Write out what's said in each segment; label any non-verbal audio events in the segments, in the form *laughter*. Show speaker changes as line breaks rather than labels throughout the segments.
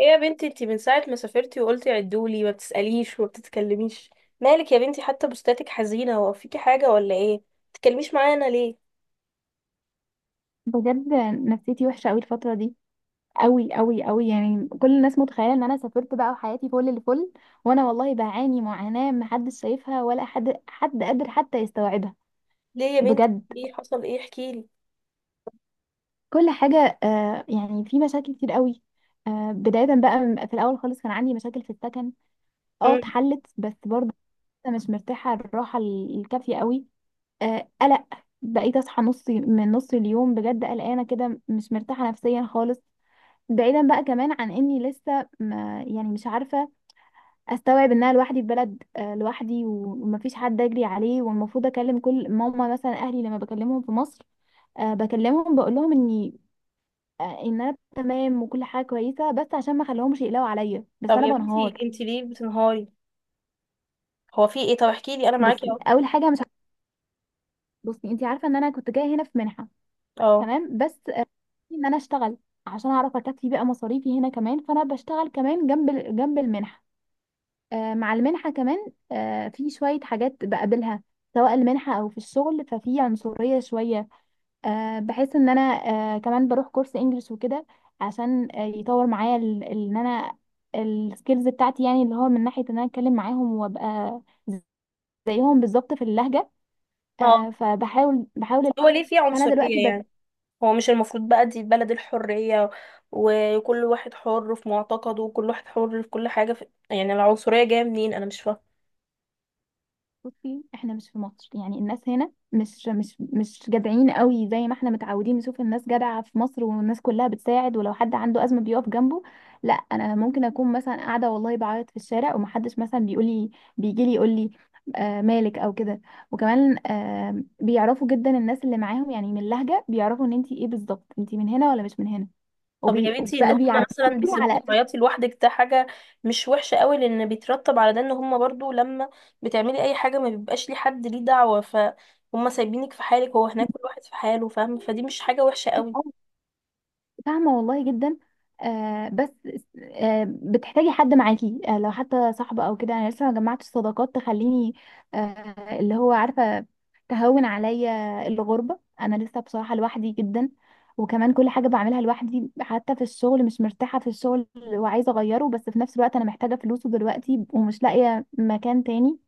ايه يا بنتي، انتي من ساعة ما سافرتي وقلتي عدولي ما بتسأليش وما بتتكلميش. مالك يا بنتي؟ حتى بوستاتك حزينة. هو فيكي حاجة ولا ايه؟ ما بتتكلميش معانا ليه؟
بجد، نفسيتي وحشه قوي الفتره دي قوي قوي قوي. يعني كل الناس متخيله ان انا سافرت بقى وحياتي فل الفل، وانا والله بعاني معاناه محدش شايفها ولا حد قادر حتى يستوعبها.
ليه يا بنتي؟
بجد
ايه حصل؟ ايه احكيلي.
كل حاجه، يعني في مشاكل كتير قوي. بدايه بقى في الاول خالص كان عندي مشاكل في السكن. اه
مم.
اتحلت بس برضه لسه مش مرتاحه الراحه الكافيه قوي. قلق، بقيت اصحى نص من نص اليوم بجد قلقانه كده مش مرتاحه نفسيا خالص. بعيدا بقى كمان عن اني لسه ما يعني مش عارفه استوعب ان انا لوحدي في بلد، لوحدي ومفيش حد اجري عليه، والمفروض اكلم كل ماما مثلا اهلي لما بكلمهم في مصر. بكلمهم بقول لهم اني ان انا تمام وكل حاجه كويسه بس عشان ما اخليهمش يقلقوا عليا، بس
طب
انا
يا بنتي
بنهار.
انتي ليه بتنهاري؟ هو في ايه؟ طب احكيلي انا معاكي
بصي
اهو.
اول حاجه مش بصي انت عارفه ان انا كنت جايه هنا في منحه،
اه،
تمام، بس ان انا اشتغل عشان اعرف اكفي بقى مصاريفي هنا كمان، فانا بشتغل كمان جنب جنب المنحه. مع المنحة كمان في شوية حاجات بقابلها سواء المنحة أو في الشغل، ففي عنصرية شوية. بحس إن أنا كمان بروح كورس إنجليش وكده، عشان يطور معايا إن أنا السكيلز بتاعتي، يعني اللي هو من ناحية إن أنا أتكلم معاهم وأبقى زيهم بالظبط في اللهجة.
اه.
فبحاول بحاول.
هو ليه في
فأنا دلوقتي
عنصرية يعني؟ هو مش المفروض بقى دي بلد الحرية، وكل واحد حر في معتقده وكل واحد حر في كل حاجة يعني العنصرية جاية منين؟ انا مش فاهمة.
بصي احنا مش في مصر، يعني الناس هنا مش جدعين قوي زي ما احنا متعودين نشوف الناس جدعة في مصر، والناس كلها بتساعد، ولو حد عنده أزمة بيقف جنبه. لا، انا ممكن اكون مثلا قاعدة والله بعيط في الشارع ومحدش مثلا بيجي لي يقول لي آه مالك او كده. وكمان بيعرفوا جدا الناس اللي معاهم، يعني من اللهجة بيعرفوا ان انتي ايه بالظبط، انتي من هنا ولا مش من هنا.
طب يا بنتي ان
وبقى
هم مثلا
بيعرفوكي
بيسيبوكي
على
تعيطي لوحدك، ده حاجه مش وحشه قوي؟ لان بيترتب على ده ان هم برضو لما بتعملي اي حاجه ما بيبقاش ليه حد ليه دعوه، فهم سايبينك في حالك. هو هناك كل واحد في حاله فاهم، فدي مش حاجه وحشه قوي؟
اساس. فاهمة والله جدا. بس بتحتاجي حد معاكي، لو حتى صاحبة او كده، انا لسه ما جمعتش صداقات تخليني اللي هو عارفة تهون عليا الغربة. انا لسه بصراحة لوحدي جدا، وكمان كل حاجة بعملها لوحدي. حتى في الشغل مش مرتاحة في الشغل، وعايزة اغيره بس في نفس الوقت انا محتاجة فلوسه دلوقتي ومش لاقية مكان تاني.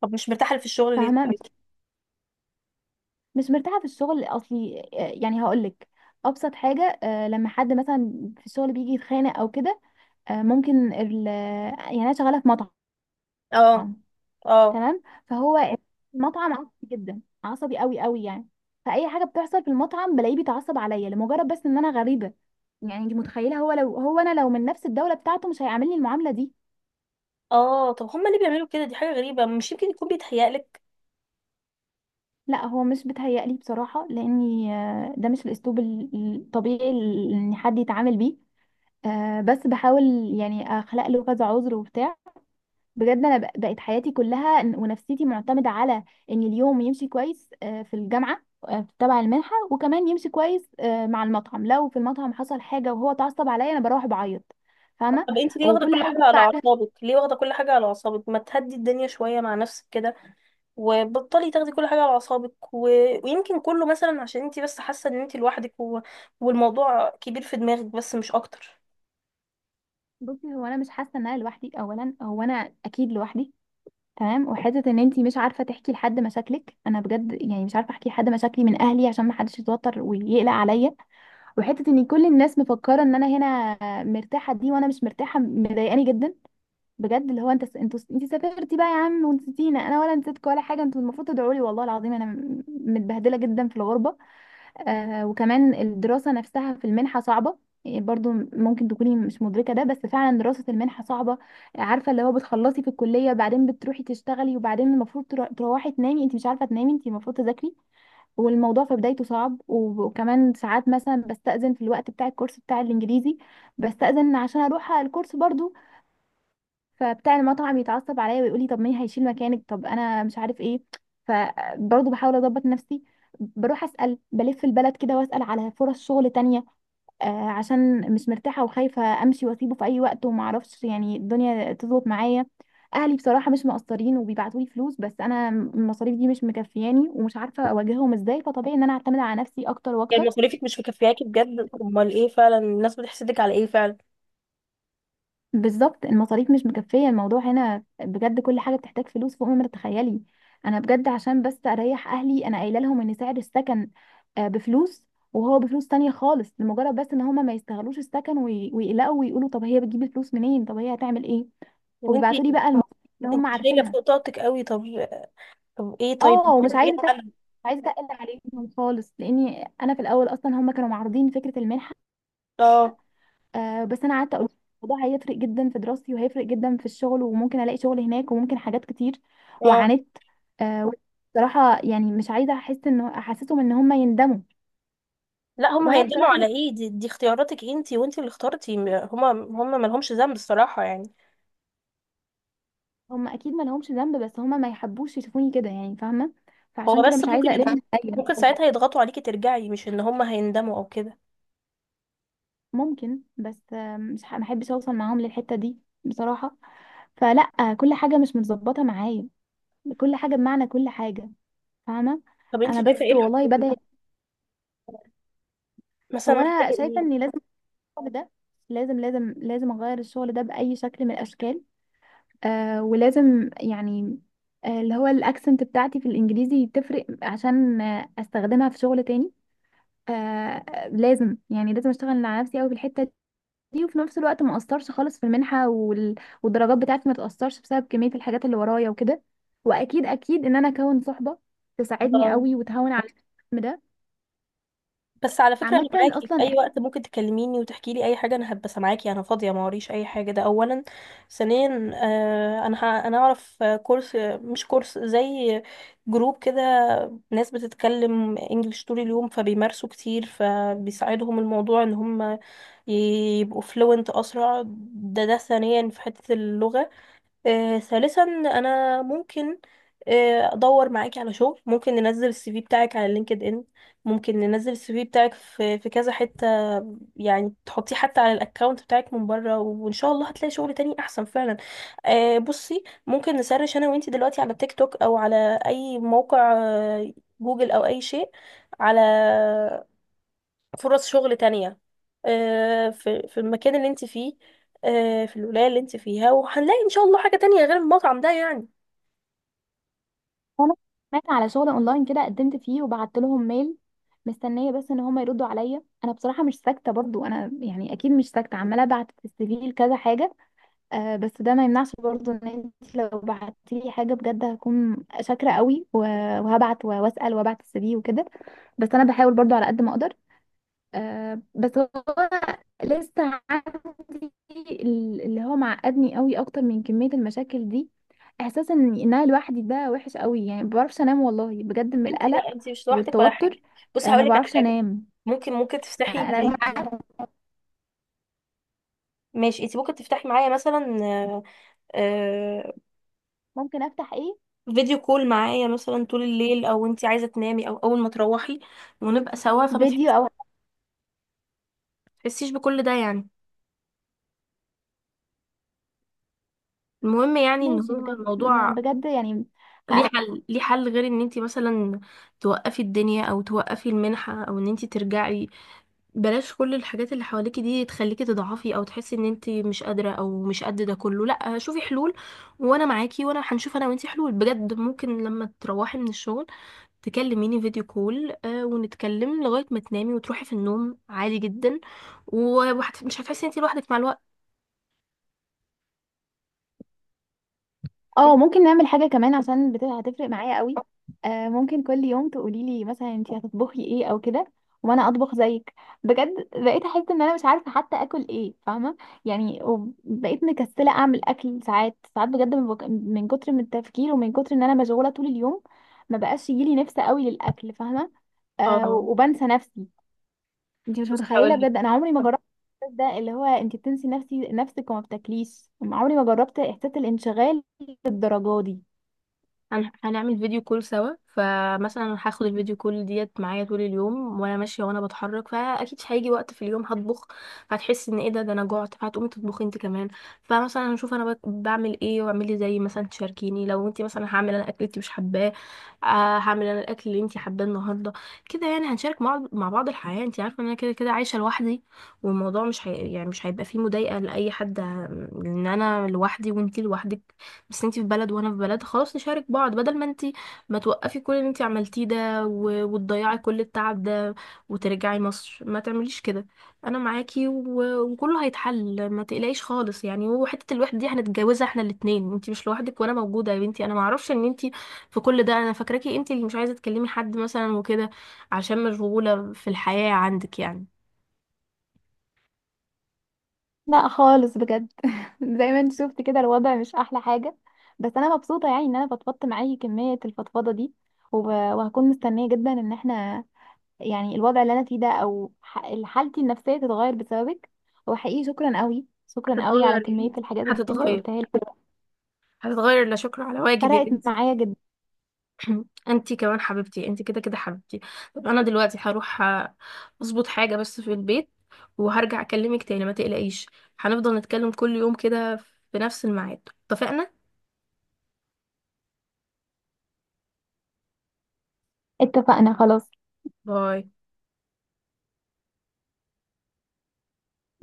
طب مش مرتاحه في الشغل ليه
فاهمة،
طيب؟
مش مرتاحة في الشغل اصلي. يعني هقولك، ابسط حاجة، لما حد مثلا في الشغل بيجي يتخانق او كده، يعني انا شغاله في مطعم،
اه، اه،
تمام. المطعم عصبي جدا، عصبي قوي قوي يعني. فاي حاجه بتحصل في المطعم بلاقيه بيتعصب عليا لمجرد بس ان انا غريبه. يعني انت متخيله، هو لو هو انا لو من نفس الدوله بتاعته مش هيعاملني المعامله دي.
اه. طب هم ليه بيعملوا كده؟ دي حاجه غريبه. مش يمكن يكون بيتهيألك؟
لا هو مش بيتهيألي بصراحه، لاني ده مش الاسلوب الطبيعي ان حد يتعامل بيه. بس بحاول يعني اخلق له كذا عذر وبتاع. بجد انا بقت حياتي كلها ونفسيتي معتمده على ان اليوم يمشي كويس في الجامعه تبع المنحه، وكمان يمشي كويس مع المطعم. لو في المطعم حصل حاجه وهو اتعصب عليا انا بروح بعيط،
طب
فاهمه.
انت ليه واخده
وكل
كل
حاجه
حاجه
كده
على
بعملها.
اعصابك؟ ليه واخده كل حاجه على اعصابك؟ ما تهدي الدنيا شويه مع نفسك كده، وبطلي تاخدي كل حاجة على أعصابك ويمكن كله مثلا عشان انتي بس حاسة ان انتي لوحدك، والموضوع كبير في دماغك بس، مش أكتر.
بصي هو انا مش حاسه ان انا لوحدي، اولا هو انا اكيد لوحدي تمام، وحته ان انتي مش عارفه تحكي لحد مشاكلك. انا بجد يعني مش عارفه احكي لحد مشاكلي من اهلي عشان ما حدش يتوتر ويقلق عليا. وحته ان كل الناس مفكره ان انا هنا مرتاحه دي وانا مش مرتاحه مضايقاني جدا. بجد اللي هو انت سافرتي بقى يا عم ونسيتينا، انا ولا نسيتكم ولا حاجه، انتوا المفروض تدعوا لي والله العظيم، انا متبهدله جدا في الغربه. وكمان الدراسه نفسها في المنحه صعبه، يعني برضو ممكن تكوني مش مدركه ده، بس فعلا دراسه المنحه صعبه. عارفه اللي هو بتخلصي في الكليه بعدين بتروحي تشتغلي وبعدين المفروض تروحي تنامي، انت مش عارفه تنامي انت المفروض تذاكري. والموضوع في بدايته صعب، وكمان ساعات مثلا بستأذن في الوقت بتاع الكورس بتاع الانجليزي، بستأذن عشان اروح على الكورس برضو. فبتاع المطعم يتعصب عليا ويقول لي طب مين هيشيل مكانك، طب انا مش عارف ايه. فبرضه بحاول اضبط نفسي، بروح اسال بلف البلد كده واسال على فرص شغل تانية. عشان مش مرتاحه وخايفه امشي واسيبه في اي وقت وما اعرفش يعني الدنيا تظبط معايا. اهلي بصراحه مش مقصرين وبيبعتوا لي فلوس، بس انا المصاريف دي مش مكفياني ومش عارفه اواجههم ازاي، فطبيعي ان انا اعتمد على نفسي اكتر
يعني
واكتر.
مصاريفك مش مكفياكي بجد؟ أمال ايه؟ فعلا الناس بتحسدك على ايه فعلا؟
بالظبط المصاريف مش مكفية، الموضوع هنا بجد كل حاجة بتحتاج فلوس فوق ما تتخيلي. أنا بجد عشان بس أريح أهلي أنا قايلة لهم إن سعر السكن بفلوس وهو بفلوس تانية خالص، لمجرد بس إن هما ما يستغلوش السكن ويقلقوا ويقولوا طب هي بتجيب الفلوس منين، طب هي هتعمل إيه.
يعني
وبيبعتوا لي
انتي
بقى المصاريف اللي هما
انتي شايلة
عارفينها.
فوق طاقتك قوي. طب، طب ايه طيب؟
اه،
انتي
ومش
شايفة ايه
عايزة
الحل؟
مش عايزة أقل عليهم خالص، لأني أنا في الأول أصلا هما كانوا معارضين فكرة المنحة.
اه،
بس انا قعدت اقول الموضوع هيفرق جدا في دراستي وهيفرق جدا في الشغل، وممكن الاقي شغل هناك وممكن حاجات كتير.
اه.
وعانيت. آه بصراحه يعني مش عايزه احس ان احسسهم ان هم يندموا.
لا هما
وانا
هيندموا
بصراحه مش
على ايه؟ دي اختياراتك انتي وانتي اللي اخترتي، هما ملهمش ذنب الصراحة يعني.
هم اكيد ما لهمش ذنب، بس هم ما يحبوش يشوفوني كده يعني، فاهمه.
هو
فعشان كده
بس
مش
ممكن
عايزه
يض-
اقلبهم عليا.
ممكن ساعتها يضغطوا عليكي ترجعي، مش ان هما هيندموا او كده.
ممكن، بس آه، مش ح- ما احبش اوصل معاهم للحته دي بصراحه. فلا، كل حاجه مش متظبطه معايا، كل حاجه بمعنى كل حاجه، فاهمه.
طب
انا
انتي شايفة
بس
ايه الحل؟
والله بدأت.
مثلا
هو
محتاجة
انا شايفه
ايه؟
اني لازم الشغل ده، لازم لازم لازم اغير الشغل ده باي شكل من الاشكال. ولازم يعني اللي هو الاكسنت بتاعتي في الانجليزي تفرق عشان استخدمها في شغل تاني. لازم يعني لازم اشتغل على نفسي قوي في الحته دي، وفي نفس الوقت ما اقصرش خالص في المنحه والدرجات بتاعتي ما تاثرش بسبب كميه الحاجات اللي ورايا وكده. واكيد اكيد ان انا اكون صحبه تساعدني
اه،
قوي وتهون على الهم ده.
بس على فكرة أنا
عامه
معاكي في
اصلا
أي وقت، ممكن تكلميني وتحكي لي أي حاجة، أنا هبقى سامعاكي، أنا فاضية ما وريش أي حاجة، ده أولا. ثانيا، أنا أعرف كورس، مش كورس زي جروب كده، ناس بتتكلم إنجليش طول اليوم فبيمارسوا كتير فبيساعدهم الموضوع إن هم يبقوا فلوينت أسرع. ده ثانيا في حتة اللغة. ثالثا، انا ممكن ادور معاكي على شغل، ممكن ننزل السي في بتاعك على لينكد ان، ممكن ننزل السي في بتاعك في كذا حتة يعني، تحطيه حتى على الاكونت بتاعك من بره، وان شاء الله هتلاقي شغل تاني احسن فعلا. بصي، ممكن نسرش انا وانتي دلوقتي على تيك توك او على اي موقع، جوجل او اي شيء، على فرص شغل تانية، في المكان اللي انت فيه، في الولاية اللي انت فيها، وهنلاقي ان شاء الله حاجة تانية غير المطعم ده يعني.
انا سمعت على شغل اونلاين كده قدمت فيه وبعت لهم ميل، مستنيه بس ان هم يردوا عليا. انا بصراحه مش ساكته برضو، انا يعني اكيد مش ساكته، عماله ابعت في CV لكذا حاجه. بس ده ما يمنعش برضو ان انت لو بعتي لي حاجه بجد هكون شاكره قوي، وهبعت واسال وابعت CV وكده. بس انا بحاول برضو على قد ما اقدر. بس هو لسه عندي اللي هو معقدني قوي اكتر من كمية المشاكل دي، احساس ان انا لوحدي ده وحش قوي يعني، ما بعرفش انام والله بجد من القلق
لا، انت مش لوحدك ولا حاجة.
والتوتر.
بصي
ما
هقول لك على
بعرفش
حاجة،
انام.
ممكن تفتحي...
انا مش عارفة
ماشي، انت ممكن تفتحي معايا مثلا آه،
ممكن افتح ايه،
فيديو كول معايا مثلا طول الليل، او انت عايزة تنامي او اول ما تروحي ونبقى سوا، فما
فيديو او
تحسيش بكل ده يعني. المهم يعني ان
ماشي،
هو
بجد ما
الموضوع
بجد يعني.
ليه حل، ليه حل غير ان انت مثلا توقفي الدنيا، او توقفي المنحة، او ان انت ترجعي. بلاش كل الحاجات اللي حواليكي دي تخليكي تضعفي او تحسي ان انت مش قادرة او مش قد ده كله. لا، شوفي حلول وانا معاكي، وانا هنشوف انا وانتي حلول بجد. ممكن لما تروحي من الشغل تكلميني فيديو كول، ونتكلم لغاية ما تنامي وتروحي في النوم عادي جدا، ومش هتحسي ان انت لوحدك مع الوقت.
اه، ممكن نعمل حاجة كمان عشان هتفرق معايا قوي. ممكن كل يوم تقولي لي مثلا انتي هتطبخي ايه او كده وانا اطبخ زيك. بجد بقيت احس ان انا مش عارفة حتى اكل ايه، فاهمة يعني، وبقيت مكسلة اعمل اكل ساعات ساعات بجد من كتر من التفكير ومن كتر ان انا مشغولة طول اليوم، ما بقاش يجيلي نفس قوي للاكل، فاهمة.
اه
وبنسى نفسي. انت مش
بس
متخيله بجد انا عمري ما جربت الاحساس ده، اللي هو انت بتنسي نفسك وما بتاكليش، عمري ما جربت احساس الانشغال للدرجه دي.
هنعمل فيديو كول سوا، فمثلا هاخد الفيديو كول ديت معايا طول اليوم وانا ماشيه وانا بتحرك، فاكيد هيجي وقت في اليوم هطبخ، فهتحس ان ايه ده، انا جعت، فهتقومي تطبخي انت كمان. فمثلا هنشوف انا بعمل ايه، واعملي زي، مثلا تشاركيني، لو انت مثلا هعمل انا اكل انت مش حباه، هعمل انا الاكل اللي انت حباه النهارده. كده يعني هنشارك مع بعض الحياه، انت عارفه ان انا كده كده عايشه لوحدي، والموضوع مش يعني مش هيبقى فيه مضايقه لاي حد، ان انا لوحدي وانت لوحدك. بس انتي في بلد وانا في بلد، خلاص نشارك بعض بدل ما انتي ما توقفي كل اللي انتي عملتيه ده وتضيعي كل التعب ده وترجعي مصر. ما تعمليش كده، انا معاكي وكله هيتحل، ما تقلقيش خالص يعني. وحتة الوحدة دي هنتجوزها احنا الاتنين، انتي مش لوحدك وانا موجودة يا بنتي. انا معرفش ان انتي في كل ده، انا فاكراكي انتي اللي مش عايزة تكلمي حد مثلا وكده عشان مشغولة في الحياة عندك يعني.
لا خالص بجد *laughs* زي ما انت شفت كده الوضع مش احلى حاجه، بس انا مبسوطه يعني ان انا فضفضت معاكي كميه الفضفضه دي. وهكون مستنيه جدا ان احنا يعني الوضع اللي انا فيه ده او حالتي النفسيه تتغير بسببك. وحقيقي شكرا قوي شكرا قوي
هتتغير يا
على كميه
بنتي،
الحاجات اللي انت
هتتغير،
قلتها لي،
هتتغير. لا شكر على واجب يا
فرقت
بنتي.
معايا جدا.
*clears throat* انتي كمان حبيبتي، انتي كده كده حبيبتي. طب انا دلوقتي هروح اظبط حاجة بس في البيت، وهرجع اكلمك تاني، ما تقلقيش، هنفضل نتكلم كل يوم كده في نفس الميعاد. اتفقنا؟
اتفقنا خلاص.
باي.